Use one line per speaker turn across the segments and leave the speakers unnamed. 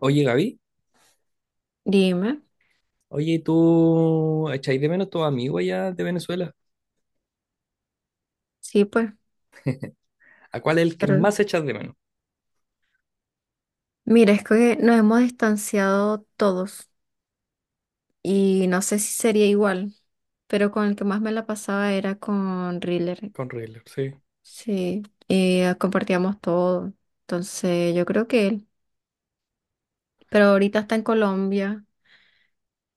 Oye, Gaby,
Dime,
oye, ¿y ¿tú echáis de menos tus amigos allá de Venezuela?
sí, pues,
¿A cuál es el que
pero
más echas de menos?
mira, es que nos hemos distanciado todos y no sé si sería igual, pero con el que más me la pasaba era con Riller,
Con Riddler, sí.
sí, y compartíamos todo, entonces yo creo que él, pero ahorita está en Colombia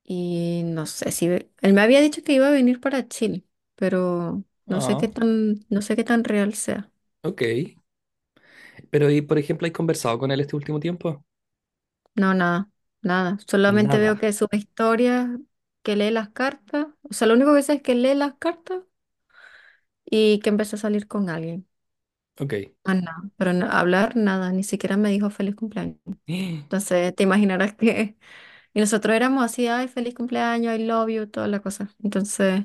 y no sé si, él me había dicho que iba a venir para Chile, pero no sé qué
Ah,
tan, no sé qué tan real sea.
ok. Pero, ¿y por ejemplo, has conversado con él este último tiempo?
No, nada, nada. Solamente veo
Nada.
que sube historias, que lee las cartas. O sea, lo único que sé es que lee las cartas y que empezó a salir con alguien.
Ok.
Ah, nada. Pero hablar, nada. Ni siquiera me dijo feliz cumpleaños. Entonces, te imaginarás que... Y nosotros éramos así, ay, feliz cumpleaños, I love you, toda la cosa. Entonces,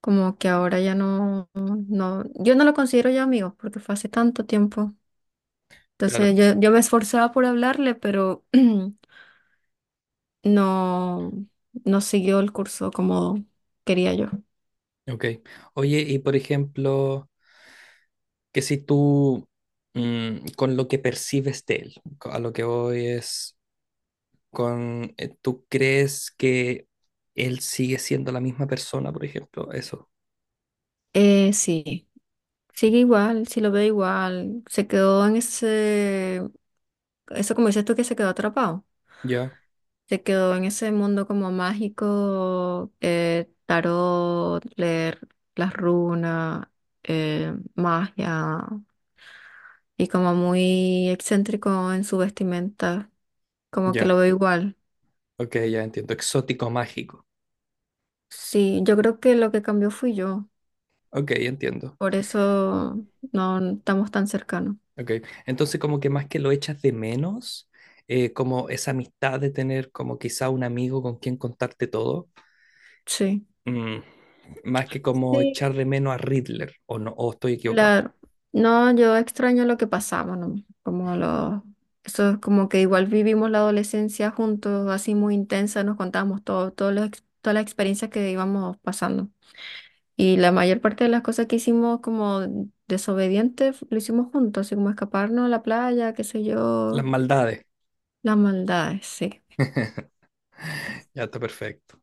como que ahora ya no... no... Yo no lo considero ya amigos porque fue hace tanto tiempo. Entonces,
Claro,
yo me esforzaba por hablarle, pero... no, no siguió el curso como quería yo.
ok. Oye, y por ejemplo, que si tú, mm, con lo que percibes de él, a lo que voy es con, ¿tú crees que él sigue siendo la misma persona, por ejemplo? Eso.
Sí, sigue igual, sí lo veo igual. Se quedó en ese, eso como dices tú que se quedó atrapado.
Ya,
Se quedó en ese mundo como mágico, tarot, leer las runas, magia, y como muy excéntrico en su vestimenta, como que
ya.
lo veo igual.
Ok, ya entiendo. Exótico mágico.
Sí, yo creo que lo que cambió fui yo.
Ok, entiendo.
Por eso no estamos tan cercanos.
Ok. Entonces, como que más que lo echas de menos, como esa amistad de tener como quizá un amigo con quien contarte todo,
Sí.
mm, más que como
Sí,
echar de menos a Riddler, o no, o estoy equivocado.
claro. No, yo extraño lo que pasamos, ¿no? Como lo. Eso es como que igual vivimos la adolescencia juntos, así muy intensa, nos contábamos todo, todas las experiencias que íbamos pasando. Y la mayor parte de las cosas que hicimos como desobedientes lo hicimos juntos, así como escaparnos a la playa, qué sé
Las
yo,
maldades.
las maldades, sí.
Ya está perfecto.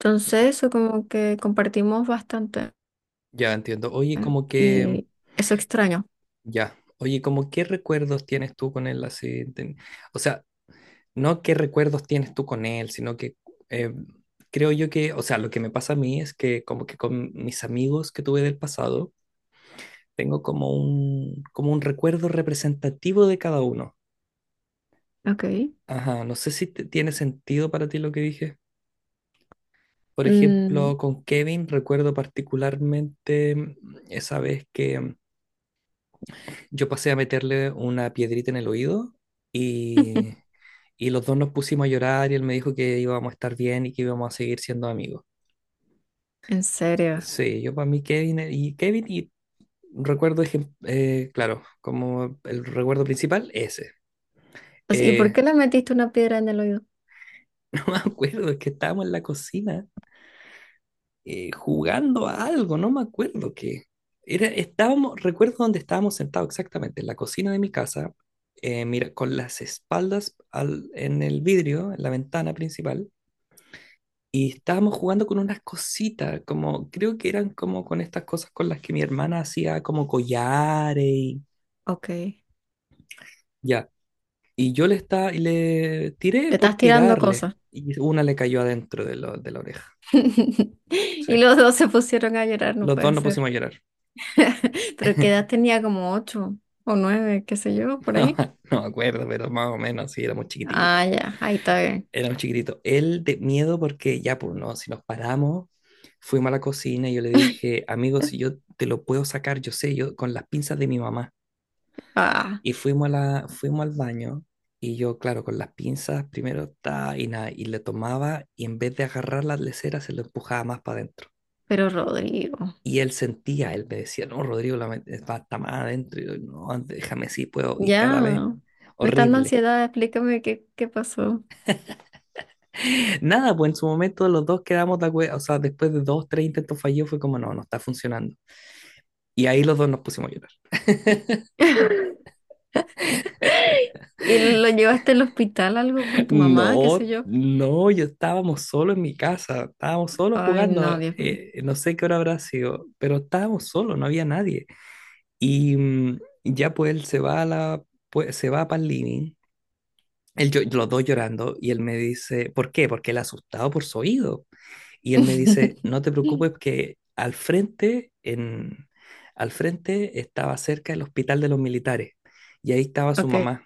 Entonces, eso como que compartimos bastante
Ya entiendo.
y eso extraño.
Ya. Oye, como qué recuerdos tienes tú con él así. O sea, no qué recuerdos tienes tú con él, sino que eh, creo yo que, o sea, lo que me pasa a mí es que como que con mis amigos que tuve del pasado, tengo como un recuerdo representativo de cada uno.
Ok.
Ajá, no sé si tiene sentido para ti lo que dije. Por
Mm,
ejemplo, con Kevin recuerdo particularmente esa vez que yo pasé a meterle una piedrita en el oído y, y los dos nos pusimos a llorar y él me dijo que íbamos a estar bien y que íbamos a seguir siendo amigos.
en serio.
Sí, yo para mí Kevin y Kevin y recuerdo, claro, como el recuerdo principal, ese.
O sea, ¿y por
Eh,
qué le metiste una piedra en el oído?
no me acuerdo, es que estábamos en la cocina jugando a algo, no me acuerdo qué. Recuerdo dónde estábamos sentados exactamente, en la cocina de mi casa, mira, con las espaldas en el vidrio, en la ventana principal, y estábamos jugando con unas cositas, como creo que eran como con estas cosas con las que mi hermana hacía como collares y...
Ok. Le
Ya. Y le tiré por
estás tirando
tirarle.
cosas.
Y una le cayó adentro de la oreja.
Y
Sí.
los dos se pusieron a llorar, no
Los dos
puede
nos
ser.
pusimos a llorar.
Pero qué edad tenía, como ocho o nueve, qué sé yo, por
No,
ahí.
no me acuerdo, pero más o menos, sí, éramos chiquititos.
Ah, ya, ahí está bien.
Éramos chiquititos. Él de miedo porque ya, pues no, si nos paramos, fuimos a la cocina y yo le dije, amigo, si yo te lo puedo sacar, yo sé, yo con las pinzas de mi mamá.
Ah,
Y fuimos fuimos al baño y yo, claro, con las pinzas primero ta, y nada, y le tomaba y en vez de agarrar las leceras se lo empujaba más para adentro.
pero Rodrigo,
Y él sentía, él me decía, no, Rodrigo, está más adentro. Y yo, no, déjame si puedo. Y cada vez,
ya. Me está dando
horrible.
ansiedad, explícame qué, qué pasó.
Nada, pues en su momento los dos quedamos de acuerdo. O sea, después de dos, tres intentos fallidos, fue como, no, no está funcionando. Y ahí los dos nos pusimos a llorar.
¿Y lo llevaste al hospital algo con tu mamá, qué sé
No,
yo?
no, yo estábamos solos en mi casa. Estábamos solos
Ay, no,
jugando.
Dios mío.
No sé qué hora habrá sido, pero estábamos solos, no había nadie. Y ya pues él se va a la, pues, se va para el living. Los dos llorando y él me dice, ¿por qué? Porque él asustado por su oído. Y él me dice, no te preocupes que al frente, en, al frente estaba cerca el hospital de los militares y ahí estaba su
Ok,
mamá.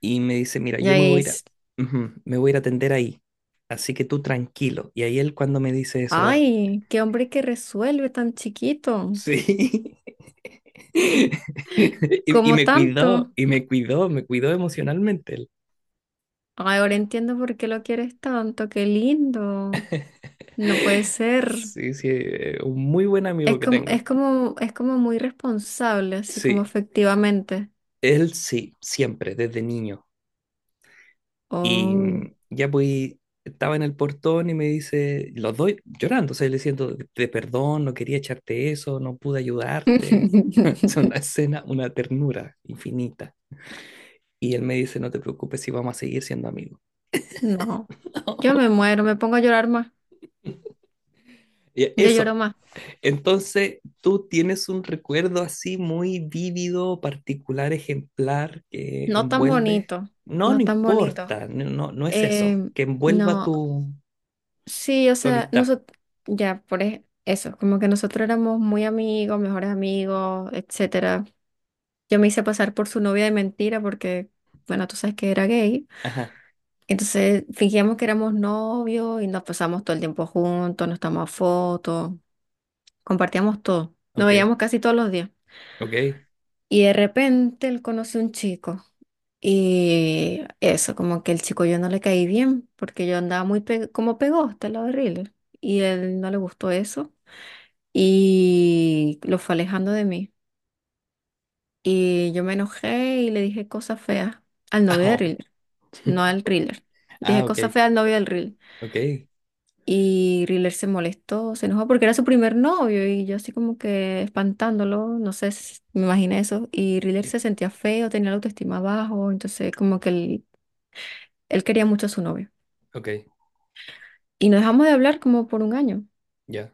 Y me dice, mira, yo
ya
me voy a ir a,
es.
ujú, me voy a ir a atender ahí, así que tú tranquilo. Y ahí él cuando me dice eso,
Ay, qué hombre que resuelve tan chiquito.
sí. Y
Como
me cuidó,
tanto.
me cuidó emocionalmente él.
Ay, ahora entiendo por qué lo quieres tanto. Qué lindo. No puede ser.
Sí, sí, un muy buen amigo
Es
que
como,
tengo.
es como, es como muy responsable, así como
Sí,
efectivamente.
él sí, siempre, desde niño. Y
Oh.
ya pues estaba en el portón y me dice, los doy llorando, o sea, le diciendo, de perdón, no quería echarte eso, no pude ayudarte. Es una escena, una ternura infinita. Y él me dice, no te preocupes si vamos a seguir siendo amigos.
No. Yo me muero, me pongo a llorar más.
Y
Yo lloro
eso.
más.
Entonces, ¿tú tienes un recuerdo así muy vívido, particular, ejemplar que
No tan
envuelve?
bonito.
No, no
No tan bonito.
importa, no, no, no es eso,
Eh, no. Sí, o
tu
sea,
amistad.
nosotros, ya, eso, como que nosotros éramos muy amigos, mejores amigos, etcétera. Yo me hice pasar por su novia de mentira porque, bueno, tú sabes que era gay.
Ajá,
Entonces fingíamos que éramos novios y nos pasamos todo el tiempo juntos, nos tomamos fotos, compartíamos todo. Nos
ok,
veíamos casi todos los días.
ok.
Y de repente él conoció un chico. Y eso, como que el chico yo no le caí bien porque yo andaba como pegosta, la horrible. Y él no le gustó eso, y lo fue alejando de mí. Y yo me enojé y le dije cosas feas al novio de
Au.
Riller, no al Riller. Dije
Ah,
cosas
ok,
feas al novio del Riller.
ok,
Y Riller se molestó, se enojó porque era su primer novio y yo así como que espantándolo, no sé, me imaginé eso. Y Riller se sentía feo, tenía la autoestima bajo, entonces como que él quería mucho a su novio.
ok,
Y nos dejamos de hablar como por un año
ya.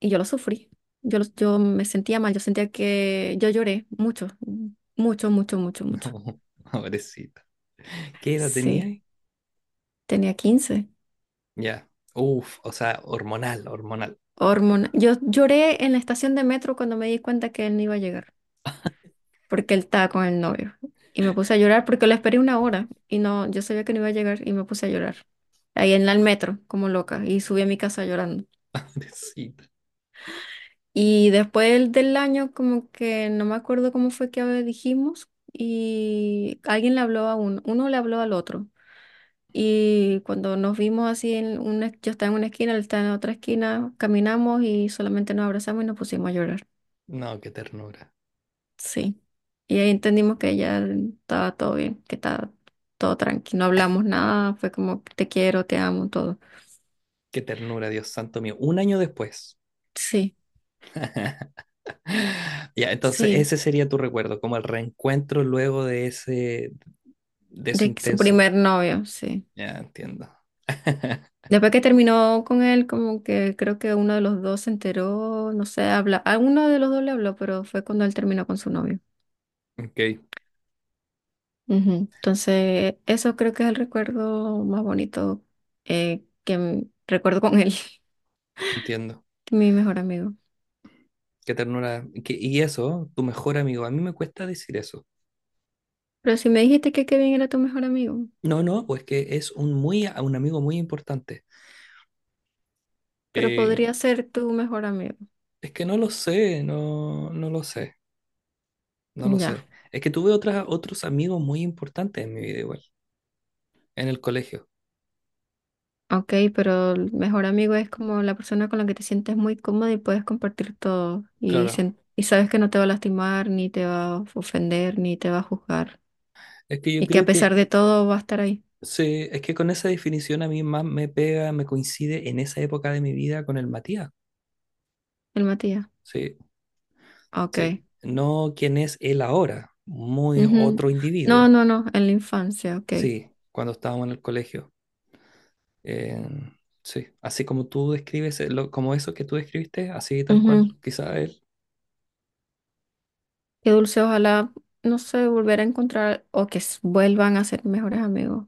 y yo lo sufrí. Yo me sentía mal, yo sentía que yo lloré mucho, mucho, mucho, mucho, mucho.
No, pobrecita. ¿Qué edad tenía
Sí,
ahí?
tenía 15.
Ya. Uf, o sea, hormonal, hormonal.
Hormona. Yo lloré en la estación de metro cuando me di cuenta que él no iba a llegar, porque él estaba con el novio. Y me puse a llorar porque lo esperé una hora y no, yo sabía que no iba a llegar y me puse a llorar. El metro, como loca, y subí a mi casa llorando.
Pobrecita.
Y después del año, como que no me acuerdo cómo fue que dijimos, y alguien le habló a uno, uno le habló al otro. Y cuando nos vimos así, en una, yo estaba en una esquina, él estaba en otra esquina, caminamos y solamente nos abrazamos y nos pusimos a llorar.
No, qué ternura.
Sí. Y ahí entendimos que ya estaba todo bien, que estaba todo tranquilo. No hablamos nada, fue como te quiero, te amo, todo.
Qué ternura, Dios santo mío. Un año después.
Sí,
Ya, entonces
sí.
ese sería tu recuerdo, como el reencuentro luego de ese, de eso
De que su
intenso.
primer novio, sí.
Ya, entiendo.
Después que terminó con él, como que creo que uno de los dos se enteró, no sé, habla, a uno de los dos le habló, pero fue cuando él terminó con su novio.
Ok,
Ujú. Entonces, eso creo que es el recuerdo más bonito recuerdo con él,
entiendo.
mi mejor amigo.
Qué ternura. Y eso, tu mejor amigo. A mí me cuesta decir eso.
Pero si me dijiste que Kevin era tu mejor amigo,
No, no, pues que es un muy, un amigo muy importante.
pero
Eh,
podría ser tu mejor amigo.
es que no lo sé, no, no lo sé, no lo
Ya,
sé. Es que tuve otras, otros amigos muy importantes en mi vida igual, en el colegio.
ok, pero el mejor amigo es como la persona con la que te sientes muy cómodo y puedes compartir todo y,
Claro.
y sabes que no te va a lastimar, ni te va a ofender, ni te va a juzgar.
Es que yo
Y que a
creo
pesar
que
de todo va a estar ahí,
sí, es que con esa definición a mí más me pega, me coincide en esa época de mi vida con el Matías.
el Matías.
Sí, sí.
Ok.
No quien es él ahora, muy
Ujú.
otro
No,
individuo.
no, no, en la infancia, ok.
Sí, cuando estábamos en el colegio. Eh, sí, así como tú describes, como eso que tú describiste, así tal cual,
Ujú.
quizá él.
Qué dulce, ojalá, no sé, volver a encontrar o que vuelvan a ser mejores amigos,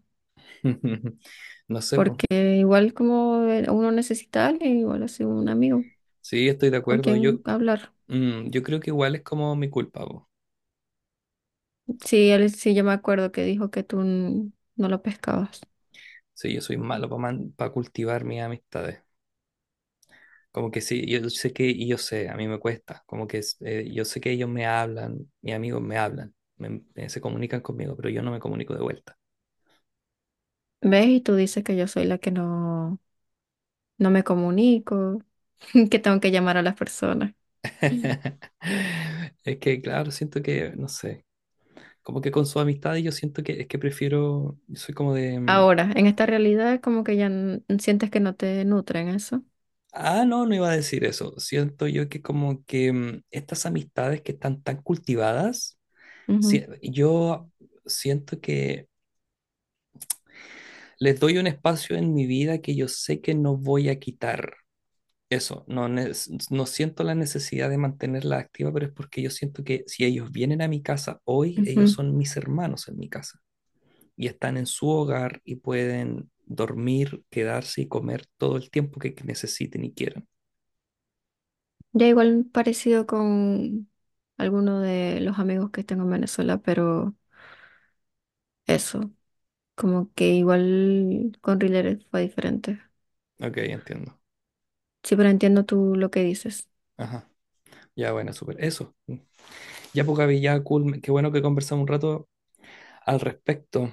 No sé, pues.
porque igual como uno necesita a alguien, igual así un amigo
Sí, estoy de
con
acuerdo.
quien
Yo,
hablar.
yo creo que igual es como mi culpa, po.
Sí, él, sí, yo me acuerdo que dijo que no lo pescabas.
Sí, yo soy malo para cultivar mis amistades. Como que sí, yo sé que, y yo sé, a mí me cuesta, yo sé que ellos me hablan, mis amigos me hablan, se comunican conmigo, pero yo no me comunico de vuelta.
¿Ves? Y tú dices que yo soy la que no, no me comunico, que tengo que llamar a las personas.
Es que, claro, siento que, no sé, como que con su amistad yo siento que es que prefiero, yo soy como de,
Ahora, en esta realidad como que sientes que no te nutren eso.
ah, no, no iba a decir eso, siento yo que como que estas amistades que están tan cultivadas,
Ujú,
yo siento que les doy un espacio en mi vida que yo sé que no voy a quitar. Eso, no, ne- No siento la necesidad de mantenerla activa, pero es porque yo siento que si ellos vienen a mi casa hoy,
ujú.
ellos son mis hermanos en mi casa y están en su hogar y pueden dormir, quedarse y comer todo el tiempo que necesiten y quieran.
Ya igual parecido con alguno de los amigos que tengo en Venezuela, pero eso, como que igual con Rileres fue diferente.
Ok, entiendo.
Sí, pero entiendo tú lo que dices.
Ajá. Ya, bueno, súper. Eso. Ya, poca ya, cool. Qué bueno que conversamos un rato al respecto.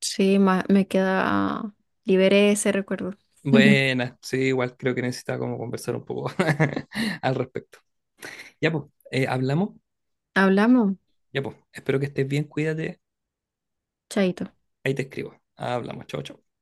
Sí, me queda, ah, liberé ese recuerdo.
Buena, sí, igual creo que necesitaba como conversar un poco al respecto. Ya, pues, hablamos.
Hablamos,
Ya, pues, espero que estés bien, cuídate.
chaito.
Ahí te escribo. Hablamos, chao, chao.